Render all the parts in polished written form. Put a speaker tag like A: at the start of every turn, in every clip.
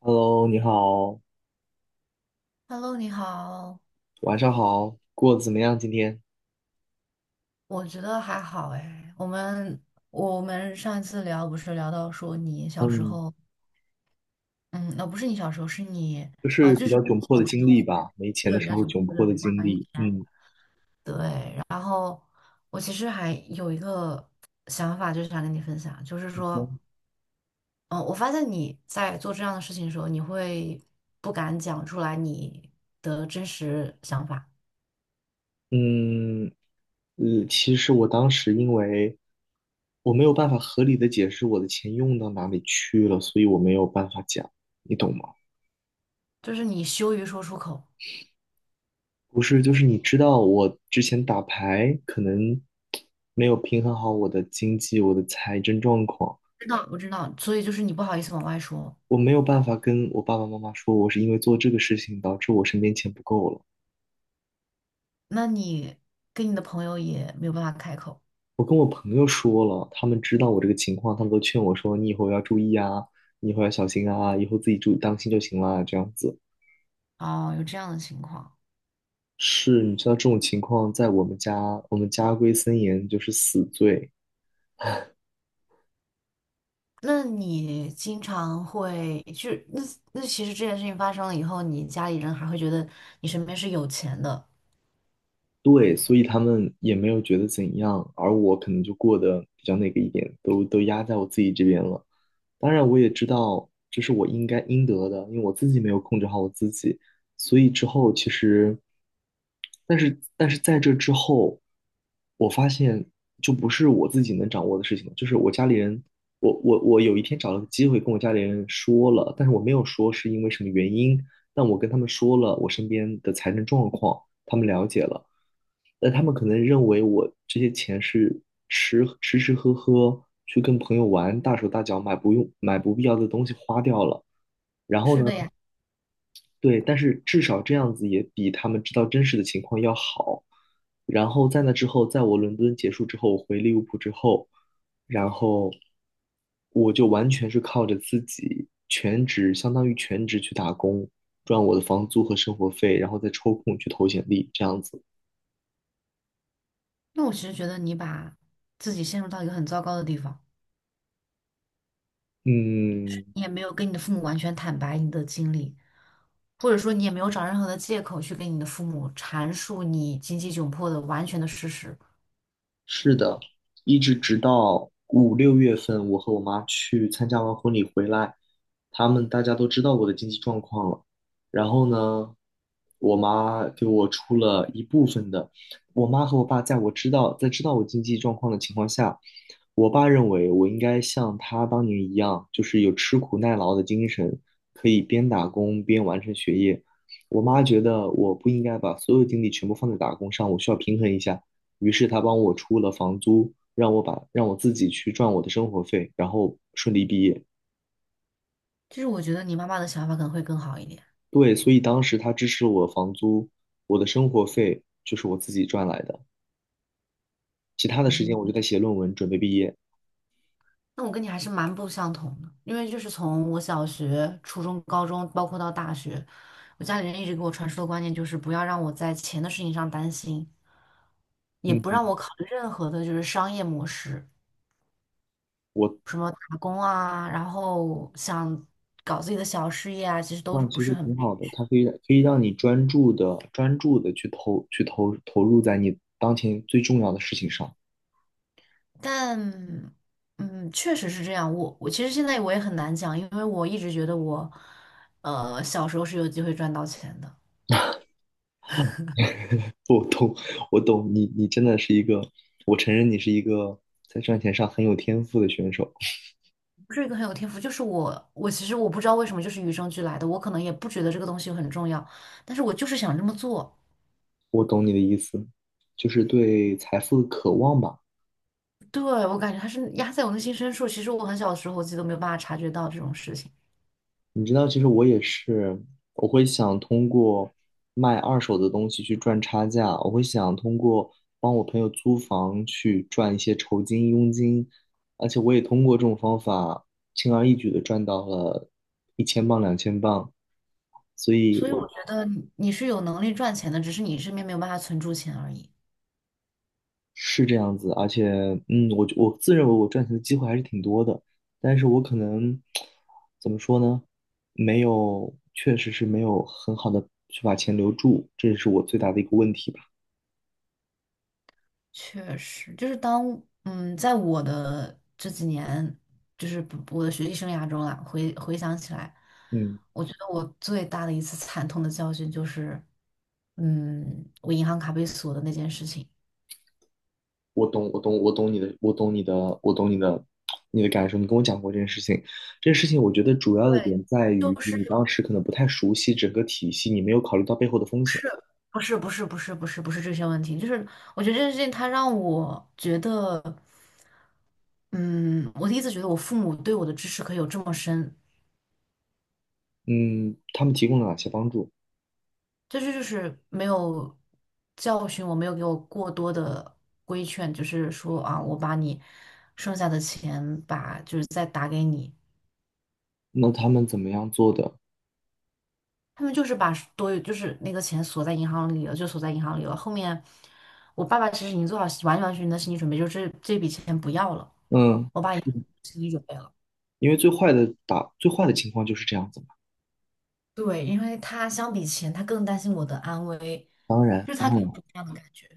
A: Hello，你好，
B: Hello，你好，
A: 晚上好，过得怎么样？今天，
B: 我觉得还好哎。我们上一次聊不是聊到说你小时
A: 嗯，
B: 候，嗯，不是你小时候，是你
A: 就
B: 啊，
A: 是
B: 就
A: 比
B: 是
A: 较
B: 你
A: 窘迫的
B: 小时
A: 经
B: 候
A: 历
B: 会
A: 吧，没钱
B: 对
A: 的
B: 比
A: 时
B: 较喜
A: 候
B: 欢
A: 窘
B: 或
A: 迫
B: 者
A: 的经
B: 关于
A: 历。
B: 钱。
A: 嗯
B: 对，然后我其实还有一个想法，就是想跟你分享，就是说，嗯，我发现你在做这样的事情的时候，你会不敢讲出来你的真实想法，
A: 嗯其实我当时因为我没有办法合理的解释我的钱用到哪里去了，所以我没有办法讲，你懂吗？
B: 就是你羞于说出口。
A: 不是，就是你知道我之前打牌可能没有平衡好我的经济，我的财政状况。
B: 知道，我知道，所以就是你不好意思往外说，
A: 我没有办法跟我爸爸妈妈说，我是因为做这个事情导致我身边钱不够了。
B: 那你跟你的朋友也没有办法开口。
A: 我跟我朋友说了，他们知道我这个情况，他们都劝我说：“你以后要注意啊，你以后要小心啊，以后自己注意当心就行了。”这样子
B: 哦，有这样的情况，
A: 是，你知道这种情况在我们家，我们家规森严，就是死罪。
B: 那你经常会就那那其实这件事情发生了以后，你家里人还会觉得你身边是有钱的。
A: 对，所以他们也没有觉得怎样，而我可能就过得比较那个一点，都压在我自己这边了。当然，我也知道这是我应该应得的，因为我自己没有控制好我自己，所以之后其实，但是在这之后，我发现就不是我自己能掌握的事情了，就是我家里人，我有一天找了个机会跟我家里人说了，但是我没有说是因为什么原因，但我跟他们说了我身边的财政状况，他们了解了。那他们可能认为我这些钱是吃吃喝喝，去跟朋友玩，大手大脚买不用买不必要的东西花掉了。然后
B: 是
A: 呢，
B: 的呀，
A: 对，但是至少这样子也比他们知道真实的情况要好。然后在那之后，在我伦敦结束之后，我回利物浦之后，然后我就完全是靠着自己全职，相当于全职去打工，赚我的房租和生活费，然后再抽空去投简历，这样子。
B: 那我其实觉得你把自己陷入到一个很糟糕的地方，
A: 嗯，
B: 你也没有跟你的父母完全坦白你的经历，或者说你也没有找任何的借口去跟你的父母阐述你经济窘迫的完全的事实。
A: 是的，一直直到五六月份，我和我妈去参加完婚礼回来，他们大家都知道我的经济状况了。然后呢，我妈给我出了一部分的。我妈和我爸在知道我经济状况的情况下，我爸认为我应该像他当年一样，就是有吃苦耐劳的精神，可以边打工边完成学业。我妈觉得我不应该把所有精力全部放在打工上，我需要平衡一下。于是他帮我出了房租，让我自己去赚我的生活费，然后顺利毕业。
B: 就是我觉得你妈妈的想法可能会更好一点。
A: 对，所以当时他支持我房租，我的生活费就是我自己赚来的，其他的时
B: 嗯
A: 间我
B: 哼，
A: 就在写论文，准备毕业。
B: 那我跟你还是蛮不相同的，因为就是从我小学、初中、高中，包括到大学，我家里人一直给我传输的观念就是不要让我在钱的事情上担心，也不
A: 嗯，
B: 让我考虑任何的就是商业模式，
A: 我
B: 什么打工啊，然后想搞自己的小事业啊，其实
A: 这
B: 都是
A: 样
B: 不
A: 其
B: 是
A: 实
B: 很
A: 挺
B: 配
A: 好的，它可以让你专注的去投去投投入在你当前最重要的事情上。
B: 但嗯，确实是这样。我其实现在我也很难讲，因为我一直觉得我，小时候是有机会赚到钱的。
A: 我懂，我懂你，你真的是一个，我承认你是一个在赚钱上很有天赋的选手。
B: 不是一个很有天赋，就是我，我其实我不知道为什么就是与生俱来的，我可能也不觉得这个东西很重要，但是我就是想这么做。
A: 我懂你的意思，就是对财富的渴望吧。
B: 对，我感觉它是压在我内心深处，其实我很小的时候我自己都没有办法察觉到这种事情，
A: 你知道，其实我也是，我会想通过卖二手的东西去赚差价，我会想通过帮我朋友租房去赚一些酬金、佣金，而且我也通过这种方法轻而易举的赚到了1000磅、2000磅。所以
B: 所以我
A: 我
B: 觉得你是有能力赚钱的，只是你身边没有办法存住钱而已。
A: 是这样子，而且，我自认为我赚钱的机会还是挺多的，但是我可能怎么说呢？没有，确实是没有很好的去把钱留住，这是我最大的一个问题吧。
B: 确实，就是当在我的这几年，就是不我的学习生涯中啊，回想起来，
A: 嗯，
B: 我觉得我最大的一次惨痛的教训就是，嗯，我银行卡被锁的那件事情。
A: 我懂，我懂，我懂你的，我懂你的，我懂你的，你的感受。你跟我讲过这件事情，这件事情我觉得主要的
B: 对，
A: 点在于
B: 就是
A: 你当时可能不太熟悉整个体系，你没有考虑到背后的风险。
B: 不是这些问题，就是我觉得这件事情它让我觉得，嗯，我第一次觉得我父母对我的支持可以有这么深，
A: 嗯，他们提供了哪些帮助？
B: 这就是没有教训我，没有给我过多的规劝，就是说啊，我把你剩下的钱把就是再打给你，
A: 那他们怎么样做的？
B: 他们就是把多余就是那个钱锁在银行里了，就锁在银行里了。后面我爸爸其实已经做好完完全全的心理准备，就是这笔钱不要了，
A: 嗯。
B: 我爸也心理准备了。
A: 因为最坏的情况就是这样子嘛。
B: 对，因为他相比钱，他更担心我的安危，
A: 当然，
B: 就是
A: 当
B: 他给我
A: 然，
B: 这样的感觉。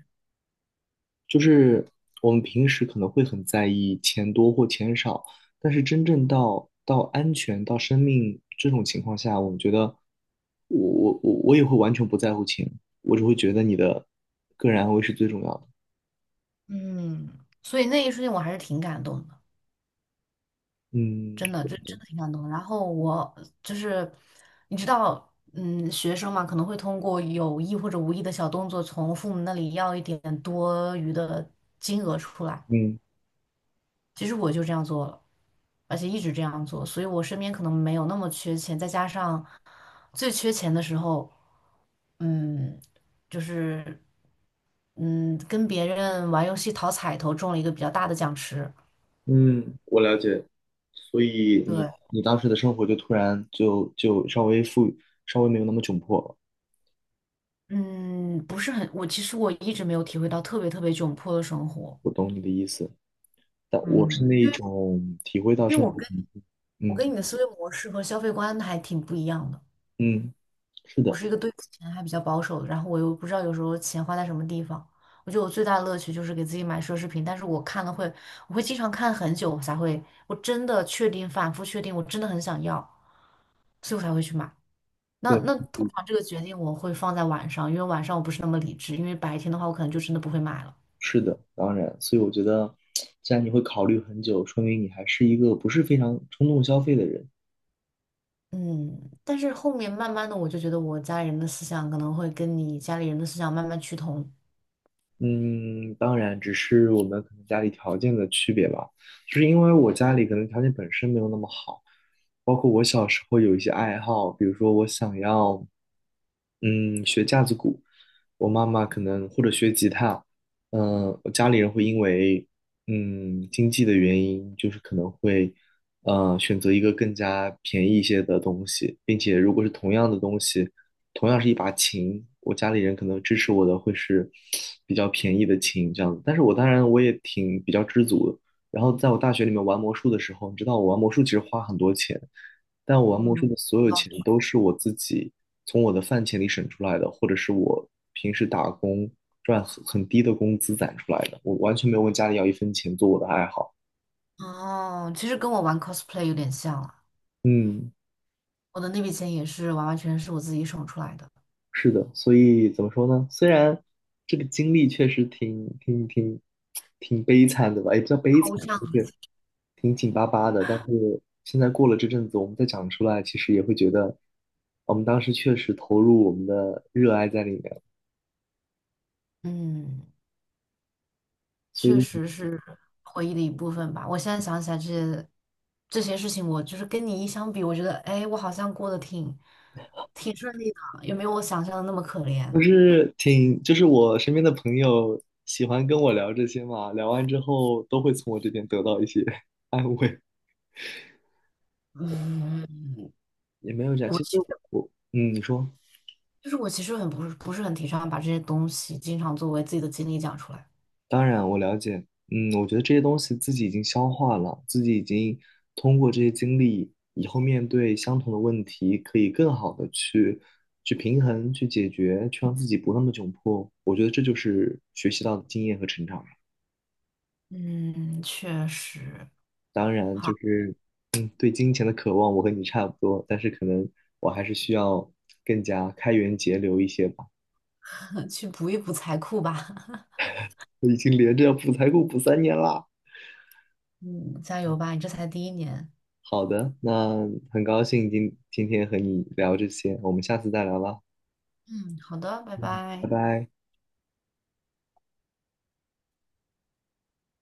A: 就是我们平时可能会很在意钱多或钱少，但是真正到安全到生命这种情况下，我们觉得我我也会完全不在乎钱，我只会觉得你的个人安危是最重要的。
B: 嗯，所以那一瞬间我还是挺感动的。
A: 嗯
B: 真的，这真的挺感动的。然后我就是，你知道，嗯，学生嘛，可能会通过有意或者无意的小动作，从父母那里要一点多余的金额出来。
A: 嗯
B: 其实我就这样做了，而且一直这样做，所以我身边可能没有那么缺钱。再加上最缺钱的时候，嗯，就是嗯，跟别人玩游戏讨彩头中了一个比较大的奖池。
A: 嗯，我了解。所以你
B: 对，
A: 你当时的生活就突然就稍微富裕，稍微没有那么窘迫了。
B: 嗯，不是很，我其实我一直没有体会到特别特别窘迫的生活，
A: 我懂你的意思。但我是
B: 嗯，
A: 那一种体会到
B: 因为
A: 生
B: 我
A: 活中，
B: 跟我
A: 嗯
B: 跟你的思维模式和消费观还挺不一样的。
A: 嗯，是
B: 我
A: 的，
B: 是一个对钱还比较保守的，然后我又不知道有时候钱花在什么地方。我觉得我最大的乐趣就是给自己买奢侈品，但是我看了会，我会经常看很久才会，我真的确定，反复确定，我真的很想要，所以我才会去买。那
A: 对，
B: 那通
A: 嗯
B: 常这个决定我会放在晚上，因为晚上我不是那么理智，因为白天的话我可能就真的不会买了。
A: 是的，当然，所以我觉得，既然你会考虑很久，说明你还是一个不是非常冲动消费的人。
B: 嗯，但是后面慢慢的，我就觉得我家里人的思想可能会跟你家里人的思想慢慢趋同。
A: 嗯，当然，只是我们可能家里条件的区别吧。就是因为我家里可能条件本身没有那么好，包括我小时候有一些爱好，比如说我想要，嗯，学架子鼓，我妈妈可能或者学吉他，我家里人会因为经济的原因，就是可能会选择一个更加便宜一些的东西，并且如果是同样的东西。同样是一把琴，我家里人可能支持我的会是比较便宜的琴这样子，但是我当然我也挺比较知足的。然后在我大学里面玩魔术的时候，你知道我玩魔术其实花很多钱，但我玩魔术
B: 嗯，
A: 的所有钱都是我自己从我的饭钱里省出来的，或者是我平时打工赚很低的工资攒出来的，我完全没有问家里要一分钱做我的爱好。
B: 哦，其实跟我玩 cosplay 有点像了，
A: 嗯，
B: 我的那笔钱也是完完全全是我自己省出来的。
A: 是的，所以怎么说呢？虽然这个经历确实挺悲惨的吧，也不叫悲惨，
B: 抽象
A: 就
B: 的
A: 是挺紧巴巴的。但是现在过了这阵子，我们再讲出来，其实也会觉得我们当时确实投入我们的热爱在里面，
B: 嗯，
A: 所
B: 确
A: 以
B: 实是回忆的一部分吧。我现在想起来这些事情，我就是跟你一相比，我觉得，哎，我好像过得挺顺利的，也没有我想象的那么可怜。
A: 就是挺，就是我身边的朋友喜欢跟我聊这些嘛，聊完之后都会从我这边得到一些 安慰，
B: 嗯，
A: 也没有这样。其实
B: 我。
A: 我，你说。
B: 就是我其实很不是很提倡把这些东西经常作为自己的经历讲出来。
A: 当然，我了解。嗯，我觉得这些东西自己已经消化了，自己已经通过这些经历，以后面对相同的问题，可以更好的去去平衡、去解决，去让自己不那么窘迫。我觉得这就是学习到的经验和成长。
B: 嗯，确实，
A: 当然，
B: 好，
A: 就是对金钱的渴望，我和你差不多，但是可能我还是需要更加开源节流一些吧。
B: 去补一补财库吧。
A: 我已经连着要补财库补3年啦。
B: 嗯，加油吧，你这才第一年。
A: 好的，那很高兴今天和你聊这些，我们下次再聊了，
B: 嗯，好的，拜
A: 嗯，
B: 拜。
A: 拜拜。